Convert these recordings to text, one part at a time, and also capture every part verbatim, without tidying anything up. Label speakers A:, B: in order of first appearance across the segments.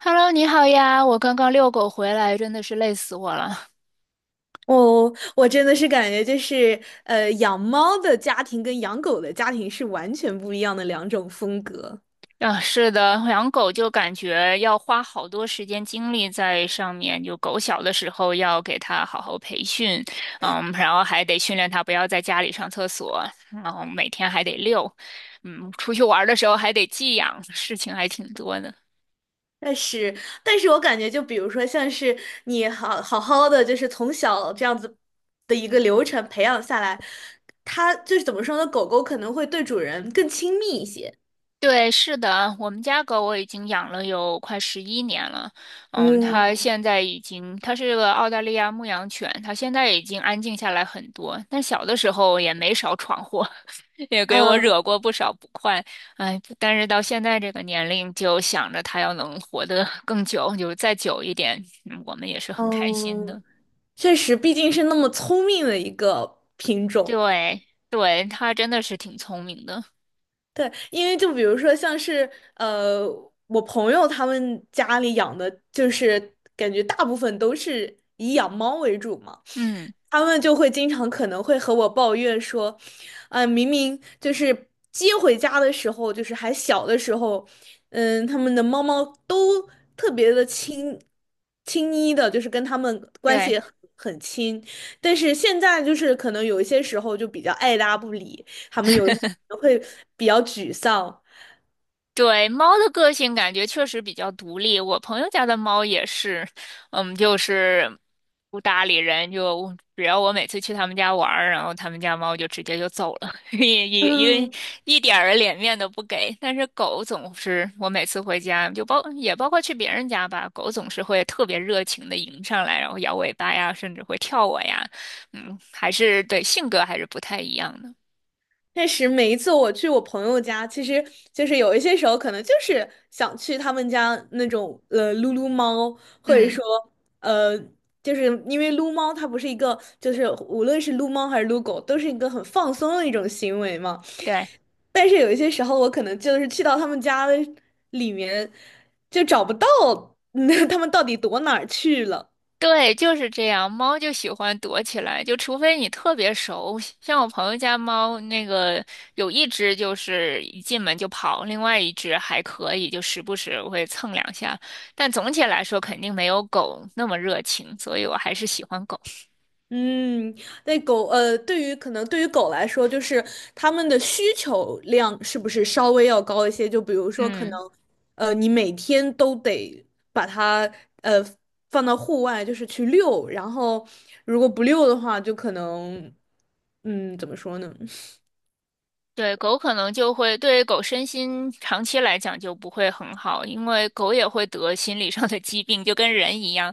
A: Hello，你好呀！我刚刚遛狗回来，真的是累死我了。
B: 哦，我真的是感觉就是，呃，养猫的家庭跟养狗的家庭是完全不一样的两种风格。
A: 啊，是的，养狗就感觉要花好多时间精力在上面。就狗小的时候要给它好好培训，嗯，然后还得训练它不要在家里上厕所，然后每天还得遛，嗯，出去玩儿的时候还得寄养，事情还挺多的。
B: 但是，但是我感觉，就比如说，像是你好好好的，就是从小这样子的一个流程培养下来，它就是怎么说呢？狗狗可能会对主人更亲密一些。
A: 对，是的，我们家狗我已经养了有快十一年了。嗯，它
B: 嗯
A: 现在已经，它是个澳大利亚牧羊犬，它现在已经安静下来很多。但小的时候也没少闯祸，也给我
B: 嗯
A: 惹过不少不快。哎，但是到现在这个年龄，就想着它要能活得 更久，就是再久一点，嗯我们也是很开心
B: 嗯，
A: 的。
B: 确实，毕竟是那么聪明的一个品种。
A: 对，对，它真的是挺聪明的。
B: 对，因为就比如说像是呃，我朋友他们家里养的，就是感觉大部分都是以养猫为主嘛，
A: 嗯，
B: 他们就会经常可能会和我抱怨说，啊、明明就是接回家的时候，就是还小的时候，嗯，他们的猫猫都特别的亲亲昵的，就是跟他们关
A: 对。
B: 系很很亲，但是现在就是可能有一些时候就比较爱搭不理。他们有时候都会比较沮丧。
A: 对，猫的个性感觉确实比较独立。我朋友家的猫也是，嗯，就是不搭理人，就只要我每次去他们家玩儿，然后他们家猫就直接就走了，一一一个
B: 嗯
A: 一点儿脸面都不给。但是狗总是，我每次回家就包也包括去别人家吧，狗总是会特别热情的迎上来，然后摇尾巴呀，甚至会跳我呀，嗯，还是对性格还是不太一样的，
B: 确实，每一次我去我朋友家，其实就是有一些时候可能就是想去他们家那种呃撸撸猫，或者
A: 嗯，
B: 说呃，就是因为撸猫它不是一个，就是无论是撸猫还是撸狗，都是一个很放松的一种行为嘛。
A: 对。
B: 但是有一些时候，我可能就是去到他们家的里面，就找不到，那他们到底躲哪儿去了。
A: 对，就是这样。猫就喜欢躲起来，就除非你特别熟，像我朋友家猫，那个有一只就是一进门就跑，另外一只还可以，就时不时会蹭两下。但总体来说，肯定没有狗那么热情，所以我还是喜欢狗。
B: 嗯，那狗，呃，对于可能对于狗来说，就是它们的需求量是不是稍微要高一些？就比如说，可能，
A: 嗯。
B: 呃，你每天都得把它，呃，放到户外，就是去遛，然后如果不遛的话，就可能，嗯，怎么说呢？
A: 对，狗可能就会对狗身心长期来讲就不会很好，因为狗也会得心理上的疾病，就跟人一样。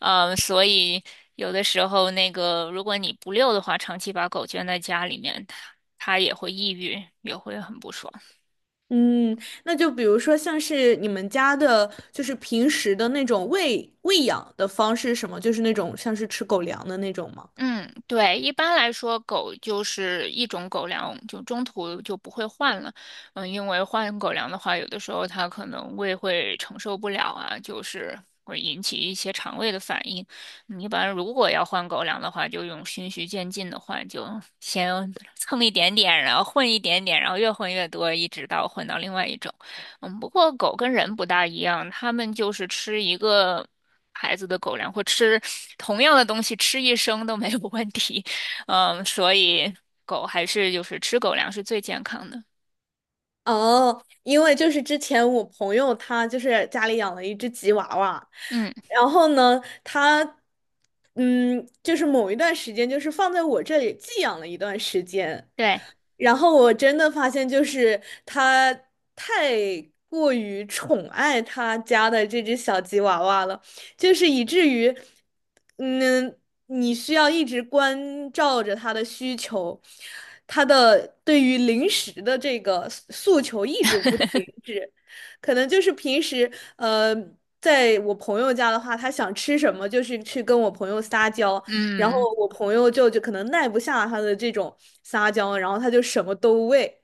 A: 呃，所以有的时候那个，如果你不遛的话，长期把狗圈在家里面，它也会抑郁，也会很不爽。
B: 嗯，那就比如说像是你们家的，就是平时的那种喂喂养的方式，什么，就是那种像是吃狗粮的那种吗？
A: 嗯，对，一般来说，狗就是一种狗粮，就中途就不会换了。嗯，因为换狗粮的话，有的时候它可能胃会承受不了啊，就是会引起一些肠胃的反应。嗯一般如果要换狗粮的话，就用循序渐进的换，就先蹭一点点，然后混一点点，然后越混越多，一直到混到另外一种。嗯，不过狗跟人不大一样，它们就是吃一个。孩子的狗粮，或吃同样的东西吃一生都没有问题。嗯，所以狗还是就是吃狗粮是最健康的。
B: 哦，因为就是之前我朋友他就是家里养了一只吉娃娃，
A: 嗯，
B: 然后呢，他嗯，就是某一段时间就是放在我这里寄养了一段时间，
A: 对，
B: 然后我真的发现就是他太过于宠爱他家的这只小吉娃娃了。就是以至于，嗯，你需要一直关照着他的需求，他的对于零食的这个诉诉求一直不停止。可能就是平时，呃，在我朋友家的话，他想吃什么，就是去跟我朋友撒娇，然后
A: 嗯。
B: 我朋友就就可能耐不下他的这种撒娇，然后他就什么都喂。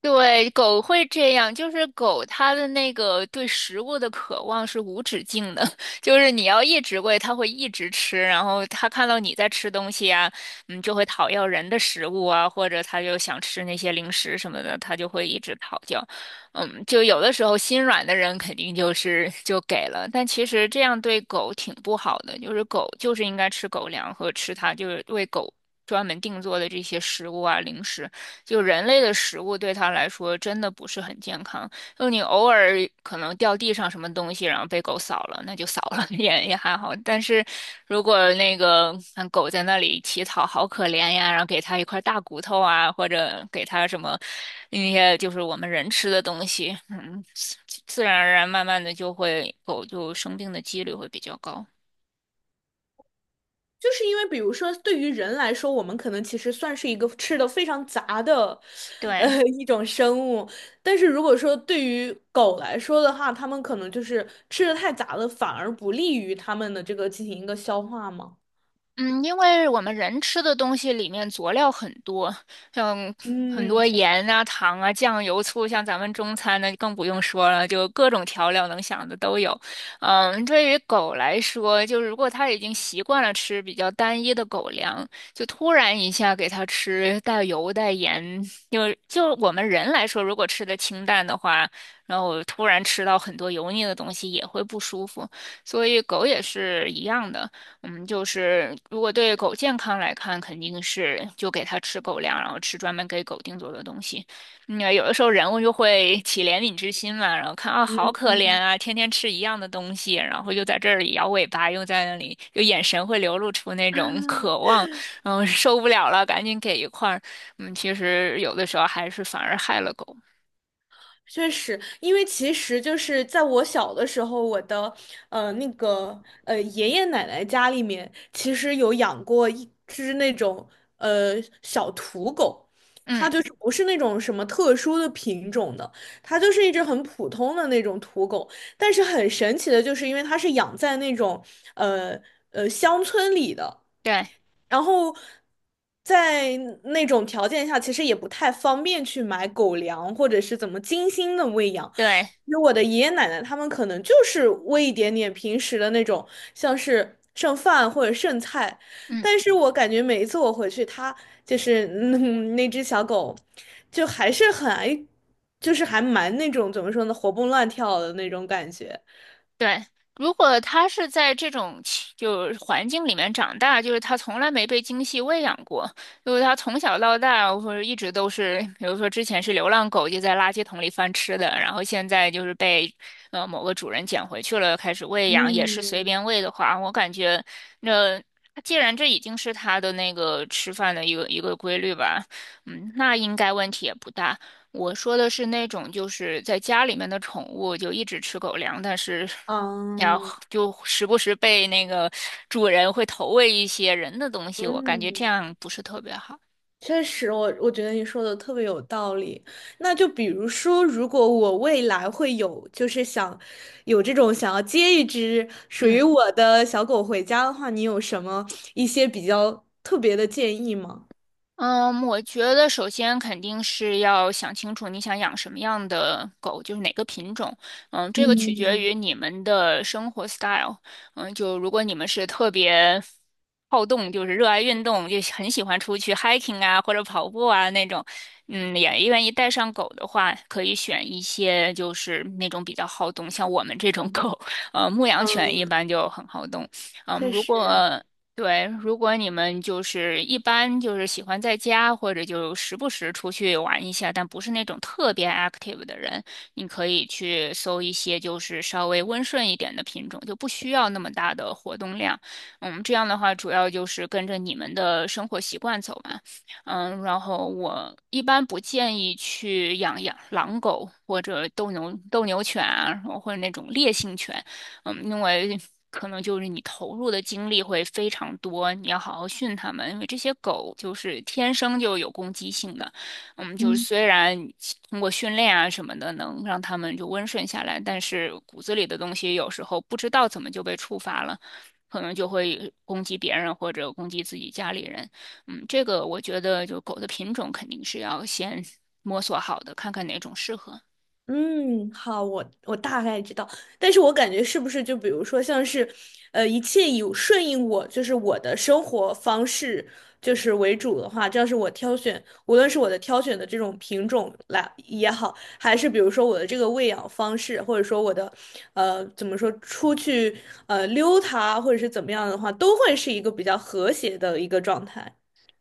A: 对，狗会这样，就是狗它的那个对食物的渴望是无止境的，就是你要一直喂，它会一直吃，然后它看到你在吃东西啊，嗯，就会讨要人的食物啊，或者它就想吃那些零食什么的，它就会一直讨要。嗯，就有的时候心软的人肯定就是就给了，但其实这样对狗挺不好的，就是狗就是应该吃狗粮和吃它就是为狗专门定做的这些食物啊零食。就人类的食物对他来说真的不是很健康。就你偶尔可能掉地上什么东西，然后被狗扫了，那就扫了，也也还好。但是如果那个看狗在那里乞讨，好可怜呀，然后给它一块大骨头啊，或者给它什么那些就是我们人吃的东西，嗯，自然而然慢慢的就会狗就生病的几率会比较高。
B: 就是因为，比如说，对于人来说，我们可能其实算是一个吃的非常杂的，
A: 对，
B: 呃，一种生物。但是如果说对于狗来说的话，它们可能就是吃的太杂了，反而不利于它们的这个进行一个消化嘛。
A: 嗯，因为我们人吃的东西里面佐料很多，像很
B: 嗯，
A: 多
B: 确实。
A: 盐啊、糖啊、酱油、醋，像咱们中餐呢更不用说了，就各种调料能想的都有。嗯，对于狗来说，就是如果它已经习惯了吃比较单一的狗粮，就突然一下给它吃带油带盐，就就我们人来说，如果吃的清淡的话，然后突然吃到很多油腻的东西也会不舒服，所以狗也是一样的。嗯，就是如果对狗健康来看，肯定是就给它吃狗粮，然后吃专门给狗定做的东西。因为有的时候人物就会起怜悯之心嘛，然后看啊，好可怜啊，天天吃一样的东西，然后又在这里摇尾巴，又在那里，就眼神会流露出那种渴望，然后受不了了，赶紧给一块儿。嗯，其实有的时候还是反而害了狗。
B: 确实，因为其实就是在我小的时候，我的呃那个呃爷爷奶奶家里面，其实有养过一只那种呃小土狗，它
A: 嗯，
B: 就是不是那种什么特殊的品种的，它就是一只很普通的那种土狗。但是很神奇的就是，因为它是养在那种呃呃乡村里的，
A: 对
B: 然后在那种条件下，其实也不太方便去买狗粮或者是怎么精心的喂养。
A: 对，
B: 其实我的爷爷奶奶他们可能就是喂一点点平时的那种，像是剩饭或者剩菜。
A: 嗯。
B: 但是我感觉每一次我回去，它就是嗯那只小狗，就还是很爱，就是还蛮那种怎么说呢，活蹦乱跳的那种感觉。
A: 对，如果他是在这种气就是环境里面长大，就是他从来没被精细喂养过，就是他从小到大或者一直都是，比如说之前是流浪狗，就在垃圾桶里翻吃的，然后现在就是被呃某个主人捡回去了，开始喂养，也是随
B: 嗯，
A: 便喂的话，我感觉那。既然这已经是他的那个吃饭的一个一个规律吧，嗯，那应该问题也不大。我说的是那种就是在家里面的宠物，就一直吃狗粮，但是然
B: 嗯，
A: 后就时不时被那个主人会投喂一些人的东西，我感觉这
B: 嗯。
A: 样不是特别好。
B: 确实，我我觉得你说的特别有道理。那就比如说，如果我未来会有，就是想有这种想要接一只属于
A: 嗯。
B: 我的小狗回家的话，你有什么一些比较特别的建议吗？
A: 嗯，我觉得首先肯定是要想清楚你想养什么样的狗，就是哪个品种。嗯，这个取决
B: 嗯
A: 于你们的生活 style。嗯，就如果你们是特别好动，就是热爱运动，就很喜欢出去 hiking 啊或者跑步啊那种，嗯，也愿意带上狗的话，可以选一些就是那种比较好动，像我们这种狗，呃，牧羊犬
B: 嗯，
A: 一般就很好动。嗯，
B: 确
A: 如
B: 实。
A: 果对，如果你们就是一般就是喜欢在家，或者就时不时出去玩一下，但不是那种特别 active 的人，你可以去搜一些就是稍微温顺一点的品种，就不需要那么大的活动量。嗯，这样的话主要就是跟着你们的生活习惯走嘛。嗯，然后我一般不建议去养养狼狗或者斗牛斗牛犬啊，或者那种烈性犬。嗯，因为可能就是你投入的精力会非常多，你要好好训它们，因为这些狗就是天生就有攻击性的，嗯，就是
B: 嗯。
A: 虽然通过训练啊什么的能让它们就温顺下来，但是骨子里的东西有时候不知道怎么就被触发了。可能就会攻击别人或者攻击自己家里人，嗯，这个我觉得就狗的品种肯定是要先摸索好的，看看哪种适合。
B: 嗯，好，我我大概知道，但是我感觉是不是就比如说像是，呃，一切以顺应我，就是我的生活方式就是为主的话，这要是我挑选，无论是我的挑选的这种品种来也好，还是比如说我的这个喂养方式，或者说我的，呃，怎么说出去呃溜它，或者是怎么样的话，都会是一个比较和谐的一个状态，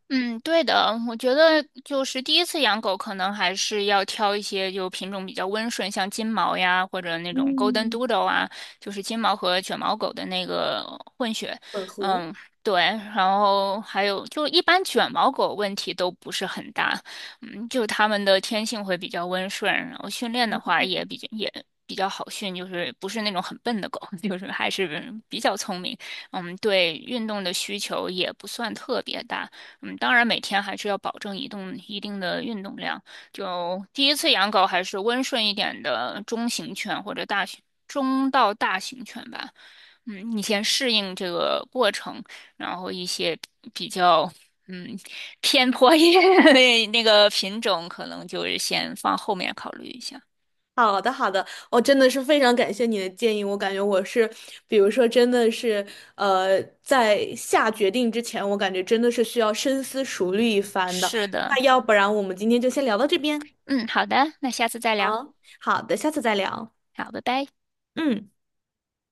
A: 嗯，对的，我觉得就是第一次养狗，可能还是要挑一些就品种比较温顺，像金毛呀，或者那种 Golden
B: 嗯，
A: Doodle 啊，就是金毛和卷毛狗的那个混血。
B: 混合。
A: 嗯，对，然后还有就一般卷毛狗问题都不是很大，嗯，就它们的天性会比较温顺，然后训练的话也比较也。比较好训，就是不是那种很笨的狗，就是还是比较聪明。嗯，对运动的需求也不算特别大。嗯，当然每天还是要保证移动一定的运动量。就第一次养狗还是温顺一点的中型犬或者大型中到大型犬吧。嗯，你先适应这个过程，然后一些比较嗯偏颇一点的那那个品种，可能就是先放后面考虑一下。
B: 好的，好的，我真的是非常感谢你的建议。我感觉我是，比如说，真的是，呃，在下决定之前，我感觉真的是需要深思熟虑一番的。
A: 是的，
B: 那要不然我们今天就先聊到这边。
A: 嗯，好的，那下次再聊。
B: 好，好的，下次再聊。
A: 好，拜拜。
B: 嗯。